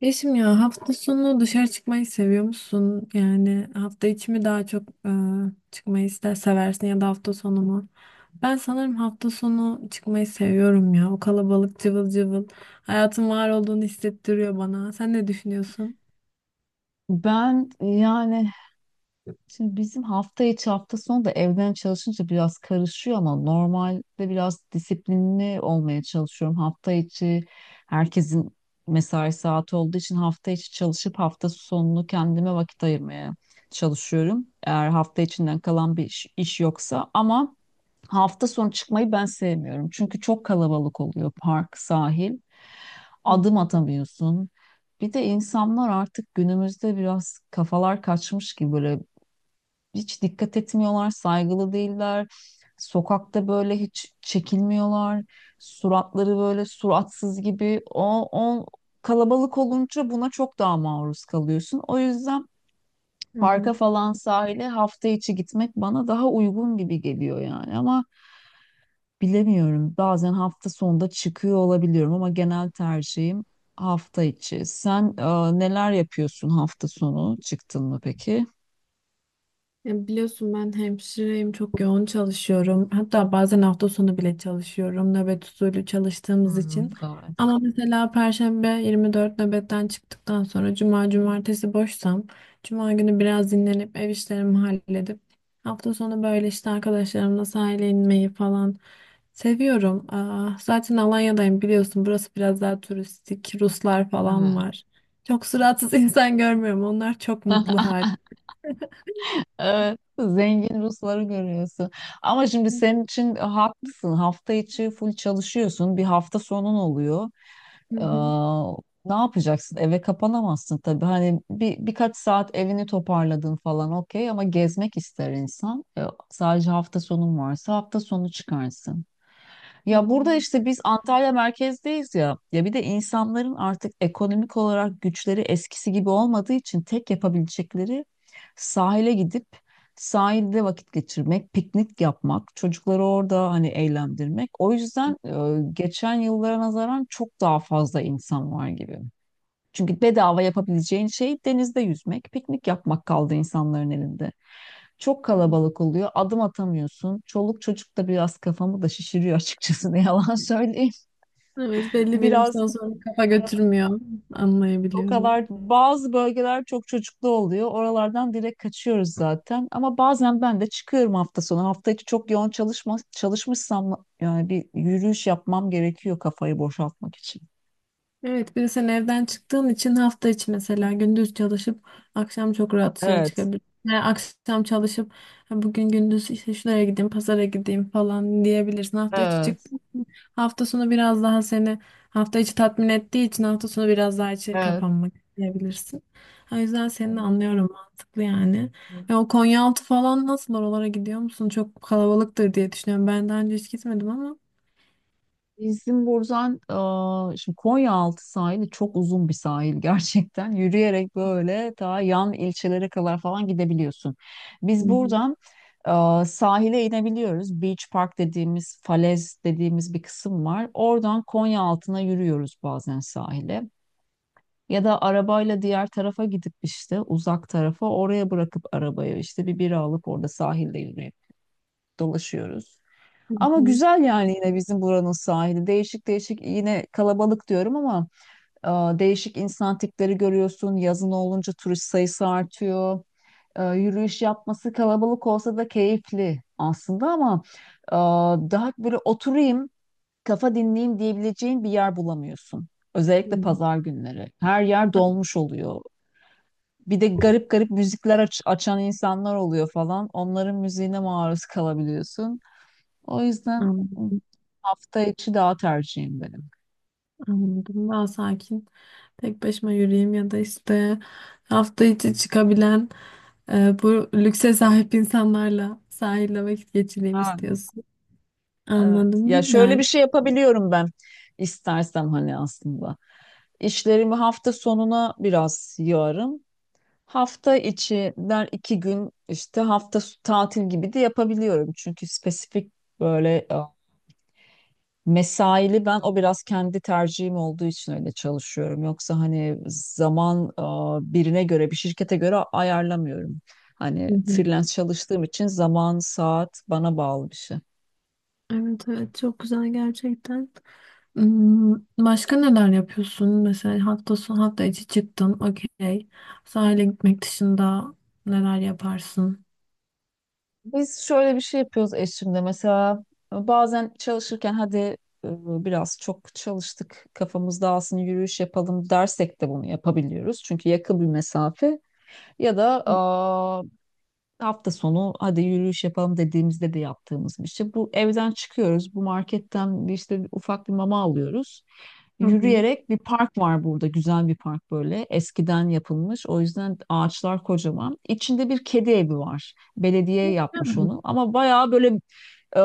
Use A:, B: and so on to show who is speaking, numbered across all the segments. A: Yeşim ya, hafta sonu dışarı çıkmayı seviyor musun? Yani hafta içi mi daha çok çıkmayı ister seversin, ya da hafta sonu mu? Ben sanırım hafta sonu çıkmayı seviyorum ya. O kalabalık cıvıl cıvıl hayatın var olduğunu hissettiriyor bana. Sen ne düşünüyorsun?
B: Ben yani şimdi bizim hafta içi hafta sonu da evden çalışınca biraz karışıyor ama normalde biraz disiplinli olmaya çalışıyorum. Hafta içi herkesin mesai saati olduğu için hafta içi çalışıp hafta sonunu kendime vakit ayırmaya çalışıyorum. Eğer hafta içinden kalan bir iş yoksa ama hafta sonu çıkmayı ben sevmiyorum. Çünkü çok kalabalık oluyor park, sahil.
A: Hı
B: Adım
A: hı.
B: atamıyorsun. Bir de insanlar artık günümüzde biraz kafalar kaçmış gibi böyle hiç dikkat etmiyorlar, saygılı değiller. Sokakta böyle hiç çekilmiyorlar. Suratları böyle suratsız gibi. O kalabalık olunca buna çok daha maruz kalıyorsun. O yüzden
A: Hı hı.
B: parka falan sahile hafta içi gitmek bana daha uygun gibi geliyor yani ama bilemiyorum. Bazen hafta sonunda çıkıyor olabiliyorum ama genel tercihim hafta içi. Sen neler yapıyorsun hafta sonu? Çıktın mı peki?
A: Ya biliyorsun, ben hemşireyim, çok yoğun çalışıyorum. Hatta bazen hafta sonu bile çalışıyorum, nöbet usulü çalıştığımız için.
B: Hmm, evet.
A: Ama mesela Perşembe 24 nöbetten çıktıktan sonra Cuma, Cumartesi boşsam, Cuma günü biraz dinlenip ev işlerimi halledip hafta sonu böyle işte arkadaşlarımla sahile inmeyi falan seviyorum. Aa, zaten Alanya'dayım, biliyorsun, burası biraz daha turistik, Ruslar falan
B: Evet.
A: var. Çok suratsız insan görmüyorum. Onlar çok mutlu.
B: Evet, zengin Rusları görüyorsun. Ama şimdi
A: Hı
B: senin için haklısın. Hafta içi full çalışıyorsun. Bir hafta sonun oluyor. Ee,
A: hı.
B: Ne yapacaksın? Eve kapanamazsın tabii. Hani birkaç saat evini toparladın falan okey ama gezmek ister insan. Sadece hafta sonun varsa hafta sonu çıkarsın. Ya burada işte biz Antalya merkezdeyiz ya. Ya bir de insanların artık ekonomik olarak güçleri eskisi gibi olmadığı için tek yapabilecekleri sahile gidip sahilde vakit geçirmek, piknik yapmak, çocukları orada hani eğlendirmek. O yüzden geçen yıllara nazaran çok daha fazla insan var gibi. Çünkü bedava yapabileceğin şey denizde yüzmek, piknik yapmak kaldı insanların elinde. Çok kalabalık oluyor. Adım atamıyorsun. Çoluk çocuk da biraz kafamı da şişiriyor açıkçası ne yalan söyleyeyim.
A: Evet, belli bir
B: Biraz
A: yaştan sonra kafa götürmüyor.
B: o
A: Anlayabiliyorum.
B: kadar bazı bölgeler çok çocuklu oluyor. Oralardan direkt kaçıyoruz zaten. Ama bazen ben de çıkıyorum hafta sonu. Hafta içi çok yoğun çalışmışsam yani bir yürüyüş yapmam gerekiyor kafayı boşaltmak için.
A: Evet, bir de sen evden çıktığın için hafta içi mesela gündüz çalışıp akşam çok rahat dışarı
B: Evet.
A: çıkabilirsin. Yani akşam çalışıp "Ha, bugün gündüz işte şuraya gideyim, pazara gideyim" falan diyebilirsin. Hafta içi
B: Evet,
A: çıktığın için hafta sonu biraz daha seni hafta içi tatmin ettiği için hafta sonu biraz daha içeri
B: evet.
A: kapanmak isteyebilirsin. O yüzden seni de anlıyorum, mantıklı yani. O Konyaaltı falan nasıl, oralara gidiyor musun? Çok kalabalıktır diye düşünüyorum. Ben daha önce hiç gitmedim ama.
B: Bizim buradan şimdi Konyaaltı sahili çok uzun bir sahil gerçekten. Yürüyerek böyle ta yan ilçelere kadar falan gidebiliyorsun.
A: Hı
B: Biz
A: hı,
B: buradan sahile inebiliyoruz. Beach Park dediğimiz, falez dediğimiz bir kısım var. Oradan Konyaaltı'na yürüyoruz bazen sahile. Ya da arabayla diğer tarafa gidip işte uzak tarafa oraya bırakıp arabayı işte bir bira alıp orada sahilde yürüyüp dolaşıyoruz.
A: hı
B: Ama
A: hı,
B: güzel yani yine bizim buranın sahili. Değişik değişik yine kalabalık diyorum ama e, değişik insan tipleri görüyorsun. Yazın olunca turist sayısı artıyor. Yürüyüş yapması kalabalık olsa da keyifli aslında ama daha böyle oturayım, kafa dinleyeyim diyebileceğin bir yer bulamıyorsun. Özellikle
A: hı.
B: pazar günleri. Her yer dolmuş oluyor. Bir de garip garip müzikler açan insanlar oluyor falan. Onların müziğine maruz kalabiliyorsun. O yüzden hı,
A: Anladım.
B: hafta içi daha tercihim benim.
A: Anladım. Daha sakin. Tek başıma yürüyeyim ya da işte hafta içi çıkabilen bu lükse sahip insanlarla sahilde vakit geçireyim
B: Ha,
A: istiyorsun.
B: evet.
A: Anladım.
B: Ya şöyle
A: Güzel.
B: bir şey yapabiliyorum ben istersem hani aslında. İşlerimi hafta sonuna biraz yığarım. Hafta içinden iki gün işte tatil gibi de yapabiliyorum. Çünkü spesifik böyle mesaili ben o biraz kendi tercihim olduğu için öyle çalışıyorum. Yoksa hani zaman birine göre, bir şirkete göre ayarlamıyorum. Hani
A: Hı hı.
B: freelance çalıştığım için zaman, saat bana bağlı bir şey.
A: Evet evet, çok güzel gerçekten. Hmm. Başka neler yapıyorsun? Mesela hafta sonu, hafta içi çıktın. Okey. Sahile gitmek dışında neler yaparsın?
B: Biz şöyle bir şey yapıyoruz eşimle. Mesela bazen çalışırken hadi biraz çok çalıştık, kafamız dağılsın, yürüyüş yapalım dersek de bunu yapabiliyoruz. Çünkü yakın bir mesafe ya da hafta sonu hadi yürüyüş yapalım dediğimizde de yaptığımız bir şey. Bu evden çıkıyoruz. Bu marketten bir ufak bir mama alıyoruz.
A: Hı hı.
B: Yürüyerek bir park var burada. Güzel bir park böyle. Eskiden yapılmış. O yüzden ağaçlar kocaman. İçinde bir kedi evi var. Belediye yapmış
A: Hı
B: onu. Ama bayağı böyle e,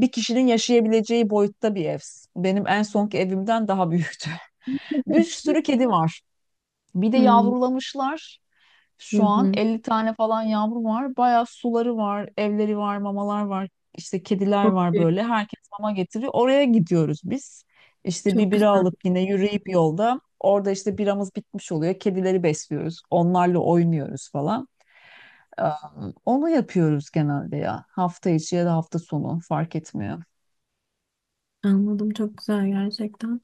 B: bir kişinin yaşayabileceği boyutta bir ev. Benim en sonki evimden daha büyüktü. Bir sürü kedi var. Bir de
A: hı.
B: yavrulamışlar.
A: Hı
B: Şu an
A: hı.
B: 50 tane falan yavru var. Bayağı suları var, evleri var, mamalar var. İşte kediler
A: Çok
B: var
A: iyi.
B: böyle. Herkes mama getiriyor. Oraya gidiyoruz biz. İşte bir
A: Çok güzel.
B: bira alıp yine yürüyüp yolda. Orada işte biramız bitmiş oluyor. Kedileri besliyoruz. Onlarla oynuyoruz falan. Ee, Onu yapıyoruz genelde ya. Hafta içi ya da hafta sonu fark etmiyor.
A: Anladım, çok güzel gerçekten.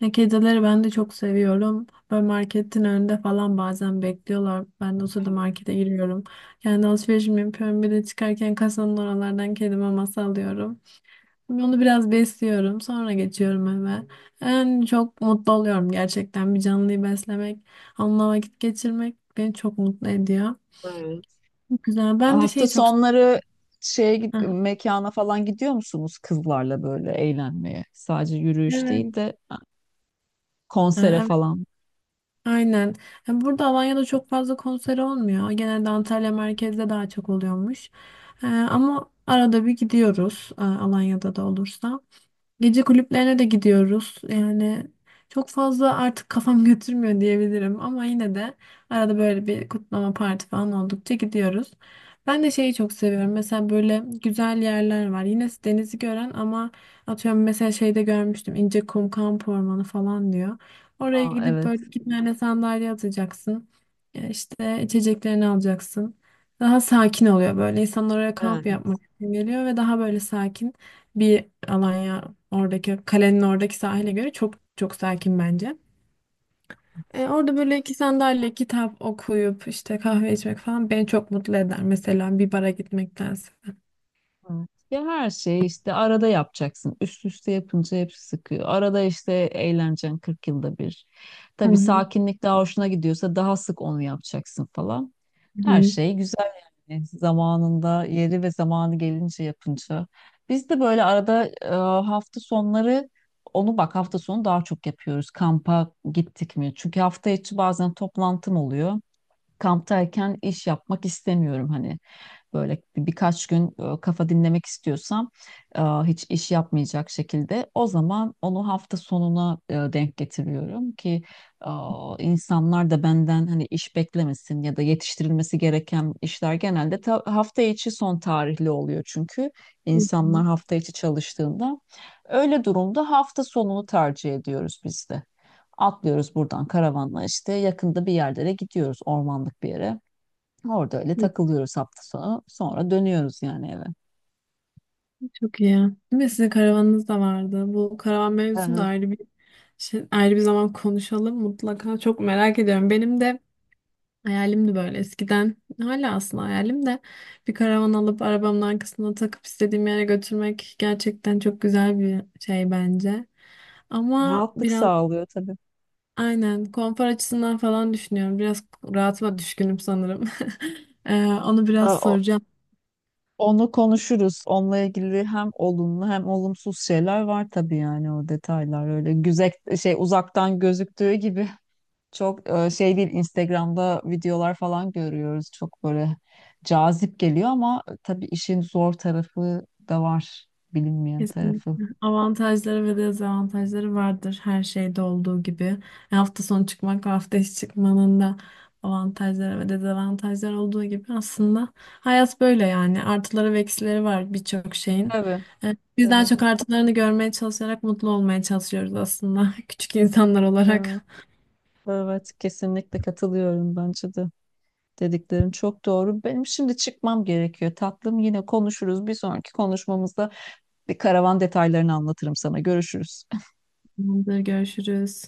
A: Ya, kedileri ben de çok seviyorum. Böyle marketin önünde falan bazen bekliyorlar. Ben de o sırada markete giriyorum. Kendi alışverişimi yapıyorum. Bir de çıkarken kasanın oralardan kedi maması alıyorum. Onu biraz besliyorum. Sonra geçiyorum eve. En çok mutlu oluyorum gerçekten. Bir canlıyı beslemek, onunla vakit geçirmek beni çok mutlu ediyor. Güzel. Ben de
B: Hafta
A: şeyi çok...
B: sonları
A: Heh.
B: mekana falan gidiyor musunuz kızlarla böyle eğlenmeye? Sadece yürüyüş
A: Evet.
B: değil de konsere
A: Ee,
B: falan.
A: Aynen. Ya, burada Alanya'da çok fazla konser olmuyor. Genelde Antalya merkezde daha çok oluyormuş. Ama arada bir gidiyoruz, Alanya'da da olursa. Gece kulüplerine de gidiyoruz. Yani çok fazla artık kafam götürmüyor diyebilirim, ama yine de arada böyle bir kutlama, parti falan oldukça gidiyoruz. Ben de şeyi çok seviyorum. Mesela böyle güzel yerler var. Yine denizi gören ama, atıyorum mesela, şeyde görmüştüm. İncekum Kamp Ormanı falan diyor. Oraya
B: Aa,
A: gidip
B: evet.
A: böyle iki tane sandalye atacaksın. E, İşte içeceklerini alacaksın. Daha sakin oluyor böyle. İnsanlar oraya kamp
B: Evet,
A: yapmak için geliyor ve daha böyle sakin bir Alanya, oradaki kalenin oradaki sahile göre çok çok sakin bence. Orada böyle iki sandalye kitap okuyup işte kahve içmek falan beni çok mutlu eder. Mesela bir bara gitmektense.
B: evet. Ya her şeyi işte arada yapacaksın. Üst üste yapınca hepsi sıkıyor. Arada işte eğleneceksin 40 yılda bir.
A: Hı
B: Tabii
A: hı,
B: sakinlik daha hoşuna gidiyorsa daha sık onu yapacaksın falan.
A: hı
B: Her
A: hı,
B: şey güzel yani zamanında yeri ve zamanı gelince yapınca. Biz de böyle arada hafta sonları onu bak hafta sonu daha çok yapıyoruz. Kampa gittik mi? Çünkü hafta içi bazen toplantım oluyor. Kamptayken iş yapmak istemiyorum hani böyle birkaç gün kafa dinlemek istiyorsam hiç iş yapmayacak şekilde o zaman onu hafta sonuna denk getiriyorum ki e, insanlar da benden hani iş beklemesin ya da yetiştirilmesi gereken işler genelde hafta içi son tarihli oluyor çünkü
A: hı
B: insanlar
A: hı,
B: hafta içi çalıştığında öyle durumda hafta sonunu tercih ediyoruz biz de. Atlıyoruz buradan karavanla işte yakında bir yerlere gidiyoruz ormanlık bir yere. Orada öyle
A: hı.
B: takılıyoruz hafta sonu. Sonra dönüyoruz yani eve.
A: Çok iyi. Değil mi? Sizin karavanınız da vardı. Bu karavan mevzusunu da
B: Evet.
A: ayrı bir şey, ayrı bir zaman konuşalım mutlaka. Çok merak ediyorum. Benim de hayalimdi böyle eskiden. Hala aslında hayalim de bir karavan alıp arabamın arkasına takıp istediğim yere götürmek gerçekten çok güzel bir şey bence. Ama
B: Rahatlık
A: biraz,
B: sağlıyor tabii.
A: aynen, konfor açısından falan düşünüyorum. Biraz rahatıma düşkünüm sanırım. Onu biraz
B: Ha, o-
A: soracağım.
B: Onu konuşuruz. Onunla ilgili hem olumlu hem olumsuz şeyler var tabii yani o detaylar öyle güzel şey uzaktan gözüktüğü gibi çok şey değil, Instagram'da videolar falan görüyoruz. Çok böyle cazip geliyor ama tabii işin zor tarafı da var. Bilinmeyen tarafı.
A: Kesinlikle. Avantajları ve dezavantajları vardır her şeyde olduğu gibi. E, hafta sonu çıkmak ve hafta içi çıkmanın da avantajları ve dezavantajları olduğu gibi, aslında hayat böyle yani. Artıları ve eksileri var birçok şeyin.
B: Tabii,
A: Biz daha
B: tabii.
A: çok artılarını görmeye çalışarak mutlu olmaya çalışıyoruz aslında, küçük insanlar
B: Evet,
A: olarak.
B: evet, kesinlikle katılıyorum bence de. Dediklerin çok doğru. Benim şimdi çıkmam gerekiyor. Tatlım yine konuşuruz. Bir sonraki konuşmamızda bir karavan detaylarını anlatırım sana. Görüşürüz.
A: Tamamdır, görüşürüz.